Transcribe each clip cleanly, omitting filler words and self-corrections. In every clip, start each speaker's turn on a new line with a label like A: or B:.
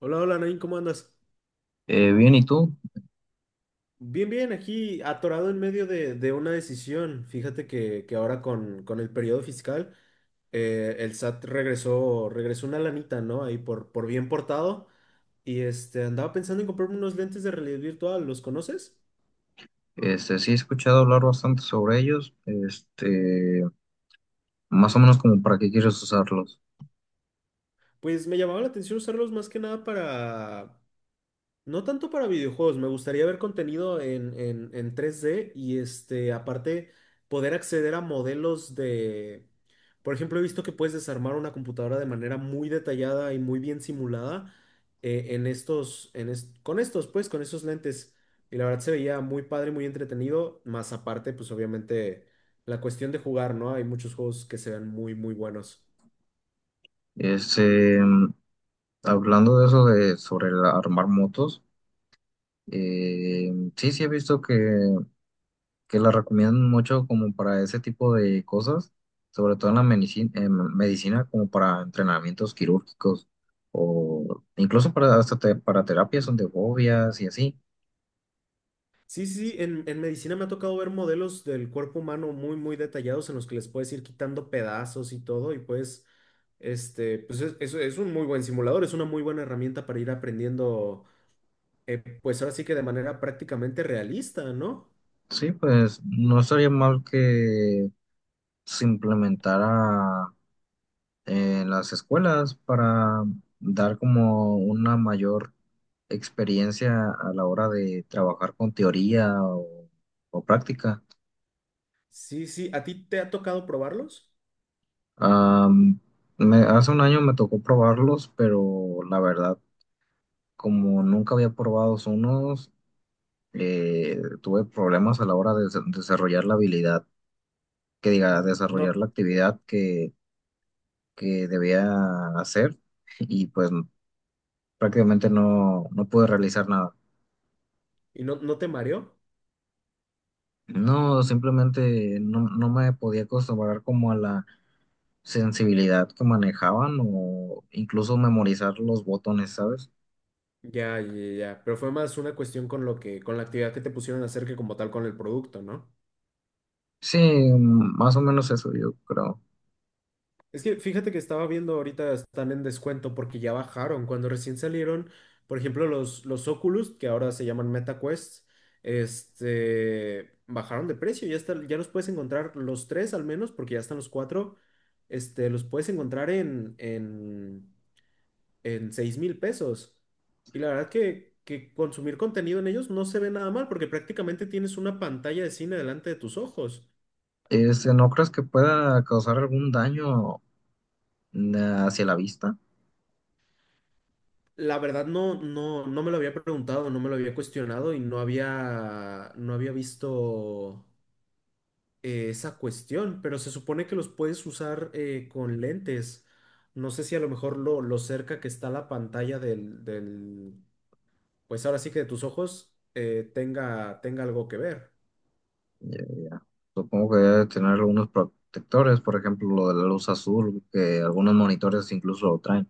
A: Hola, hola, Nain, ¿cómo andas?
B: Bien, ¿y tú?
A: Bien, bien, aquí atorado en medio de una decisión. Fíjate que ahora con el periodo fiscal, el SAT regresó, regresó una lanita, ¿no? Ahí por bien portado. Y este, andaba pensando en comprarme unos lentes de realidad virtual, ¿los conoces?
B: Sí he escuchado hablar bastante sobre ellos, más o menos como para qué quieres usarlos.
A: Pues me llamaba la atención usarlos más que nada para, no tanto para videojuegos, me gustaría ver contenido en 3D y este, aparte poder acceder a modelos de, por ejemplo, he visto que puedes desarmar una computadora de manera muy detallada y muy bien simulada en estos, con estos, pues, con esos lentes. Y la verdad se veía muy padre, muy entretenido, más aparte, pues obviamente la cuestión de jugar, ¿no? Hay muchos juegos que se ven muy, muy buenos.
B: Este, Hablando de eso de sobre el armar motos, sí, sí he visto que la recomiendan mucho como para ese tipo de cosas, sobre todo en la medicina, medicina como para entrenamientos quirúrgicos o incluso para, para terapias son de fobias y así.
A: Sí, sí, sí, en medicina me ha tocado ver modelos del cuerpo humano muy, muy detallados en los que les puedes ir quitando pedazos y todo, y pues, este, pues es un muy buen simulador, es una muy buena herramienta para ir aprendiendo, pues ahora sí que de manera prácticamente realista, ¿no?
B: Sí, pues no estaría mal que se implementara en las escuelas para dar como una mayor experiencia a la hora de trabajar con teoría o práctica.
A: Sí, sí, ¿a ti te ha tocado probarlos?
B: Am, Hace un año me tocó probarlos, pero la verdad, como nunca había probado unos, tuve problemas a la hora de desarrollar la habilidad, que diga, desarrollar
A: No,
B: la actividad que debía hacer y pues prácticamente no, no pude realizar nada.
A: y no, no te mareó.
B: No, simplemente no, no me podía acostumbrar como a la sensibilidad que manejaban o incluso memorizar los botones, ¿sabes?
A: Ya, ya, ya, pero fue más una cuestión con lo que, con la actividad que te pusieron a hacer que como tal con el producto, ¿no?
B: Sí, más o menos eso yo creo.
A: Es que fíjate que estaba viendo ahorita están en descuento porque ya bajaron. Cuando recién salieron, por ejemplo, los Oculus, que ahora se llaman Meta Quest, este, bajaron de precio. Ya está, ya los puedes encontrar los tres al menos, porque ya están los cuatro. Este, los puedes encontrar en 6000 pesos. Y la verdad que consumir contenido en ellos no se ve nada mal, porque prácticamente tienes una pantalla de cine delante de tus ojos.
B: ¿No crees que pueda causar algún daño eh, hacia la vista?
A: La verdad no, no, no me lo había preguntado, no me lo había cuestionado y no había, no había visto esa cuestión, pero se supone que los puedes usar con lentes. No sé si a lo mejor lo cerca que está la pantalla del pues ahora sí que de tus ojos tenga, tenga algo que ver.
B: Ya, ya. Supongo que debe tener algunos protectores, por ejemplo, lo de la luz azul, que algunos monitores incluso lo traen.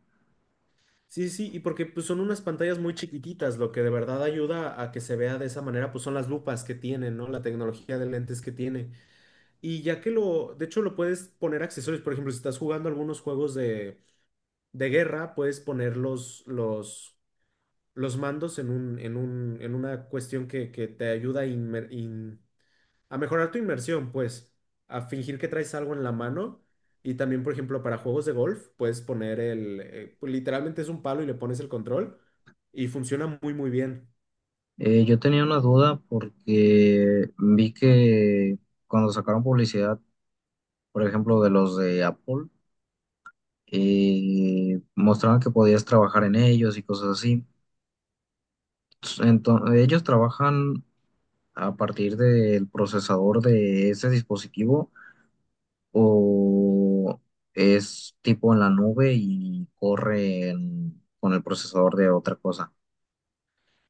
A: Sí, sí, y porque pues, son unas pantallas muy chiquititas, lo que de verdad ayuda a que se vea de esa manera, pues son las lupas que tienen, ¿no? La tecnología de lentes que tiene. Y ya que lo, de hecho lo puedes poner accesorios, por ejemplo, si estás jugando algunos juegos de guerra, puedes poner los mandos en un, en una cuestión que te ayuda a, a mejorar tu inmersión, pues, a fingir que traes algo en la mano. Y también, por ejemplo, para juegos de golf, puedes poner el, pues, literalmente es un palo y le pones el control y funciona muy, muy bien.
B: Yo tenía una duda porque vi que cuando sacaron publicidad, por ejemplo, de los de Apple, mostraban que podías trabajar en ellos y cosas así. Entonces, ¿ellos trabajan a partir del procesador de ese dispositivo o es tipo en la nube y corre con el procesador de otra cosa?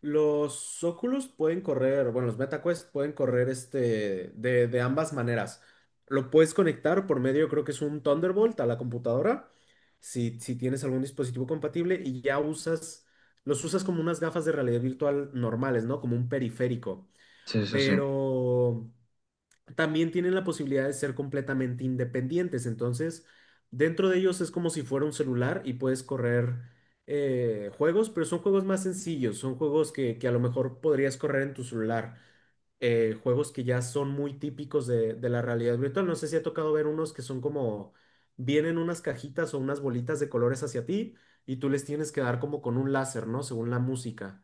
A: Los Oculus pueden correr, bueno, los MetaQuest pueden correr este de ambas maneras. Lo puedes conectar por medio, creo que es un Thunderbolt a la computadora, si tienes algún dispositivo compatible y ya usas, los usas como unas gafas de realidad virtual normales, ¿no? Como un periférico.
B: Sí, sí, sí.
A: Pero también tienen la posibilidad de ser completamente independientes. Entonces, dentro de ellos es como si fuera un celular y puedes correr juegos, pero son juegos más sencillos, son juegos que a lo mejor podrías correr en tu celular. Juegos que ya son muy típicos de la realidad virtual. No sé si ha tocado ver unos que son como, vienen unas cajitas o unas bolitas de colores hacia ti y tú les tienes que dar como con un láser, ¿no? Según la música.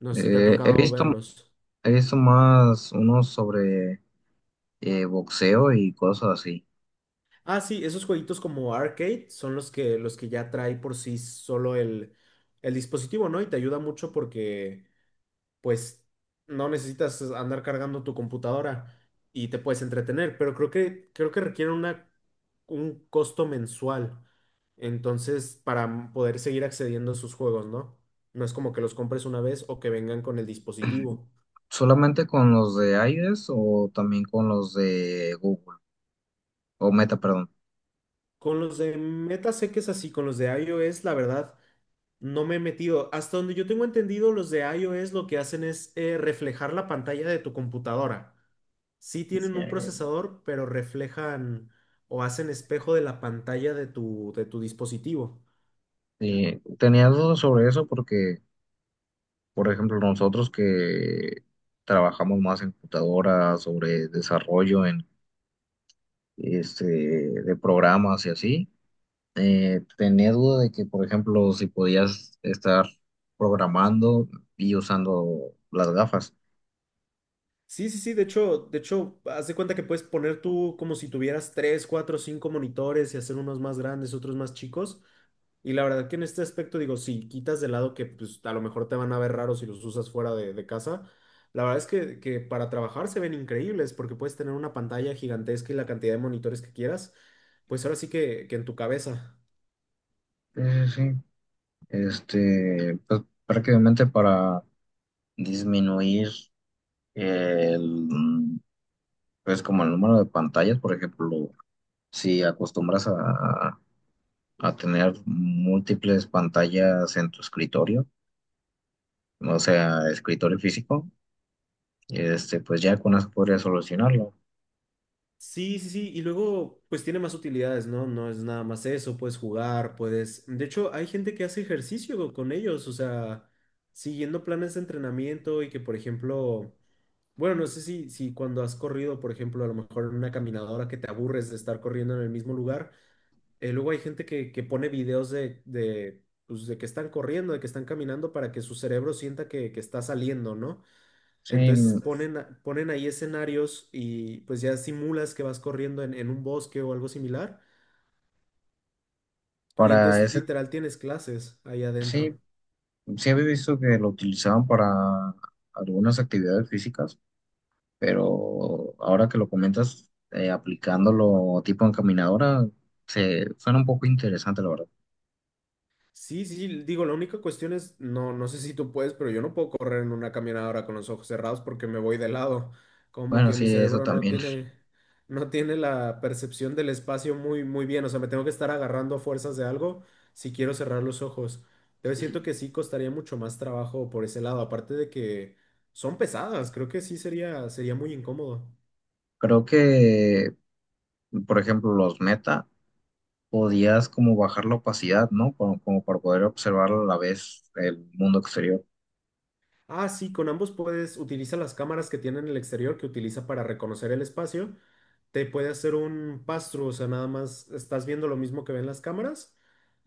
A: No sé si te ha
B: Eh, he
A: tocado
B: visto,
A: verlos.
B: He visto más unos sobre boxeo y cosas así.
A: Ah, sí, esos jueguitos como arcade son los que ya trae por sí solo el dispositivo, ¿no? Y te ayuda mucho porque, pues, no necesitas andar cargando tu computadora y te puedes entretener, pero creo que requiere una, un costo mensual. Entonces, para poder seguir accediendo a sus juegos, ¿no? No es como que los compres una vez o que vengan con el dispositivo.
B: ¿Solamente con los de Aides o también con los de Google o Meta, perdón?
A: Con los de Meta sé que es así, con los de iOS, la verdad. No me he metido. Hasta donde yo tengo entendido, los de iOS lo que hacen es reflejar la pantalla de tu computadora. Sí
B: Sí.
A: tienen un procesador, pero reflejan o hacen espejo de la pantalla de tu dispositivo.
B: Tenía dudas sobre eso porque, por ejemplo, nosotros que trabajamos más en computadoras, sobre desarrollo en, de programas y así, tenía duda de que, por ejemplo, si podías estar programando y usando las gafas.
A: Sí, sí, sí, de hecho, haz de cuenta que puedes poner tú como si tuvieras tres, cuatro, cinco monitores y hacer unos más grandes, otros más chicos. Y la verdad que en este aspecto digo, si quitas de lado que pues a lo mejor te van a ver raros si los usas fuera de casa, la verdad es que para trabajar se ven increíbles porque puedes tener una pantalla gigantesca y la cantidad de monitores que quieras, pues ahora sí que en tu cabeza.
B: Sí, sí, sí. Pues prácticamente para disminuir el, mm, pues como el número de pantallas, por ejemplo, si acostumbras a tener múltiples pantallas en tu escritorio, o sea, escritorio físico, pues ya con eso podrías solucionarlo.
A: Sí, sí, sí, y luego pues tiene más utilidades, ¿no? No es nada más eso, puedes jugar, puedes... De hecho, hay gente que hace ejercicio con ellos, o sea, siguiendo planes de entrenamiento y que, por ejemplo, bueno, no sé si cuando has corrido, por ejemplo, a lo mejor en una caminadora que te aburres de estar corriendo en el mismo lugar, luego hay gente que pone videos pues, de que están corriendo, de que están caminando para que su cerebro sienta que está saliendo, ¿no?
B: Sí,
A: Entonces ponen ahí escenarios y pues ya simulas que vas corriendo en un bosque o algo similar. Y
B: para
A: entonces
B: ese,
A: literal tienes clases ahí adentro.
B: sí, sí había visto que lo utilizaban para algunas actividades físicas, pero ahora que lo comentas, aplicándolo tipo encaminadora, se suena un poco interesante, la verdad.
A: Sí, sí, sí, digo, la única cuestión es, no, no sé si tú puedes, pero yo no puedo correr en una caminadora con los ojos cerrados porque me voy de lado. Como
B: Bueno,
A: que mi
B: sí, eso
A: cerebro no
B: también.
A: tiene, no tiene la percepción del espacio muy, muy bien. O sea, me tengo que estar agarrando a fuerzas de algo si quiero cerrar los ojos. Entonces siento que sí costaría mucho más trabajo por ese lado, aparte de que son pesadas, creo que sí sería, sería muy incómodo.
B: Creo que, por ejemplo, los meta, podías como bajar la opacidad, ¿no? Como, como para poder observar a la vez el mundo exterior.
A: Ah, sí, con ambos puedes utiliza las cámaras que tienen en el exterior que utiliza para reconocer el espacio. Te puede hacer un pass-through, o sea, nada más estás viendo lo mismo que ven las cámaras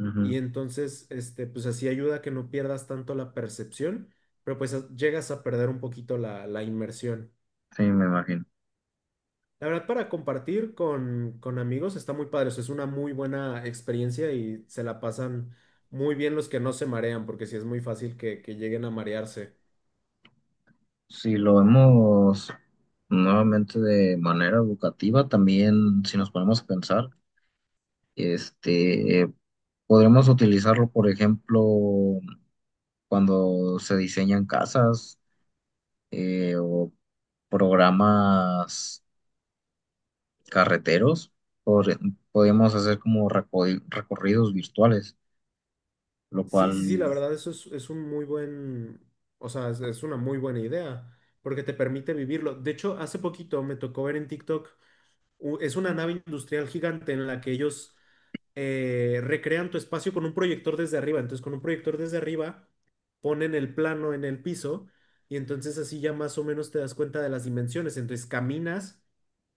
B: Ujú.
A: y entonces, este, pues así ayuda a que no pierdas tanto la percepción, pero pues llegas a perder un poquito la inmersión.
B: Sí, me imagino.
A: La verdad, para compartir con amigos está muy padre, o sea, es una muy buena experiencia y se la pasan muy bien los que no se marean, porque sí es muy fácil que lleguen a marearse.
B: Si lo vemos nuevamente de manera educativa, también si nos ponemos a pensar, este, podremos utilizarlo, por ejemplo, cuando se diseñan casas o programas carreteros, por- podemos hacer como recorridos virtuales, lo
A: Sí,
B: cual
A: sí, sí, la verdad, eso es un muy buen, o sea, es una muy buena idea, porque te permite vivirlo. De hecho, hace poquito me tocó ver en TikTok, es una nave industrial gigante en la que ellos recrean tu espacio con un proyector desde arriba. Entonces, con un proyector desde arriba, ponen el plano en el piso y entonces así ya más o menos te das cuenta de las dimensiones. Entonces, caminas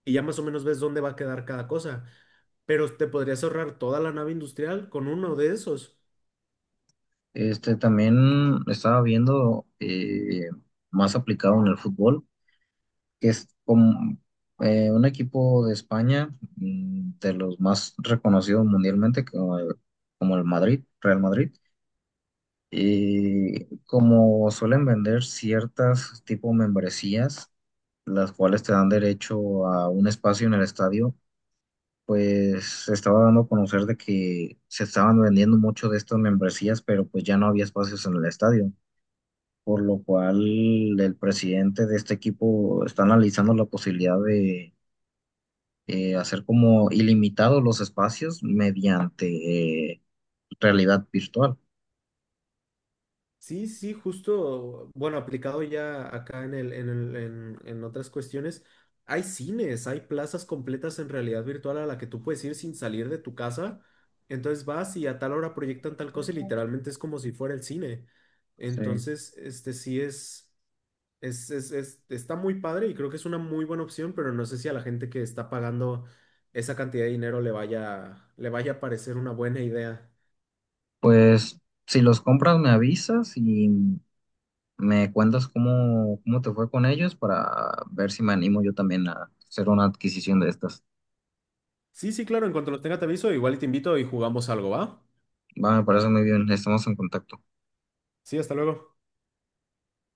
A: y ya más o menos ves dónde va a quedar cada cosa, pero te podrías ahorrar toda la nave industrial con uno de esos.
B: también estaba viendo más aplicado en el fútbol, que es como un equipo de España, de los más reconocidos mundialmente, como como el Madrid, Real Madrid. Y como suelen vender ciertas tipo membresías, las cuales te dan derecho a un espacio en el estadio, pues se estaba dando a conocer de que se estaban vendiendo mucho de estas membresías, pero pues ya no había espacios en el estadio, por lo cual el presidente de este equipo está analizando la posibilidad de hacer como ilimitados los espacios mediante eh, realidad virtual.
A: Sí, sí, justo, bueno, aplicado ya acá en otras cuestiones, hay cines, hay plazas completas en realidad virtual a la que tú puedes ir sin salir de tu casa. Entonces vas y a tal hora proyectan tal cosa y literalmente es como si fuera el cine.
B: Sí.
A: Entonces, este sí está muy padre y creo que es una muy buena opción, pero no sé si a la gente que está pagando esa cantidad de dinero le vaya a parecer una buena idea.
B: Pues si los compras me avisas y me cuentas cómo, cómo te fue con ellos para ver si me animo yo también a hacer una adquisición de estas.
A: Sí, sí, claro, en cuanto los tenga te aviso, igual y te invito y jugamos algo, ¿va?
B: Va, me parece muy bien, estamos en contacto.
A: Sí, hasta luego.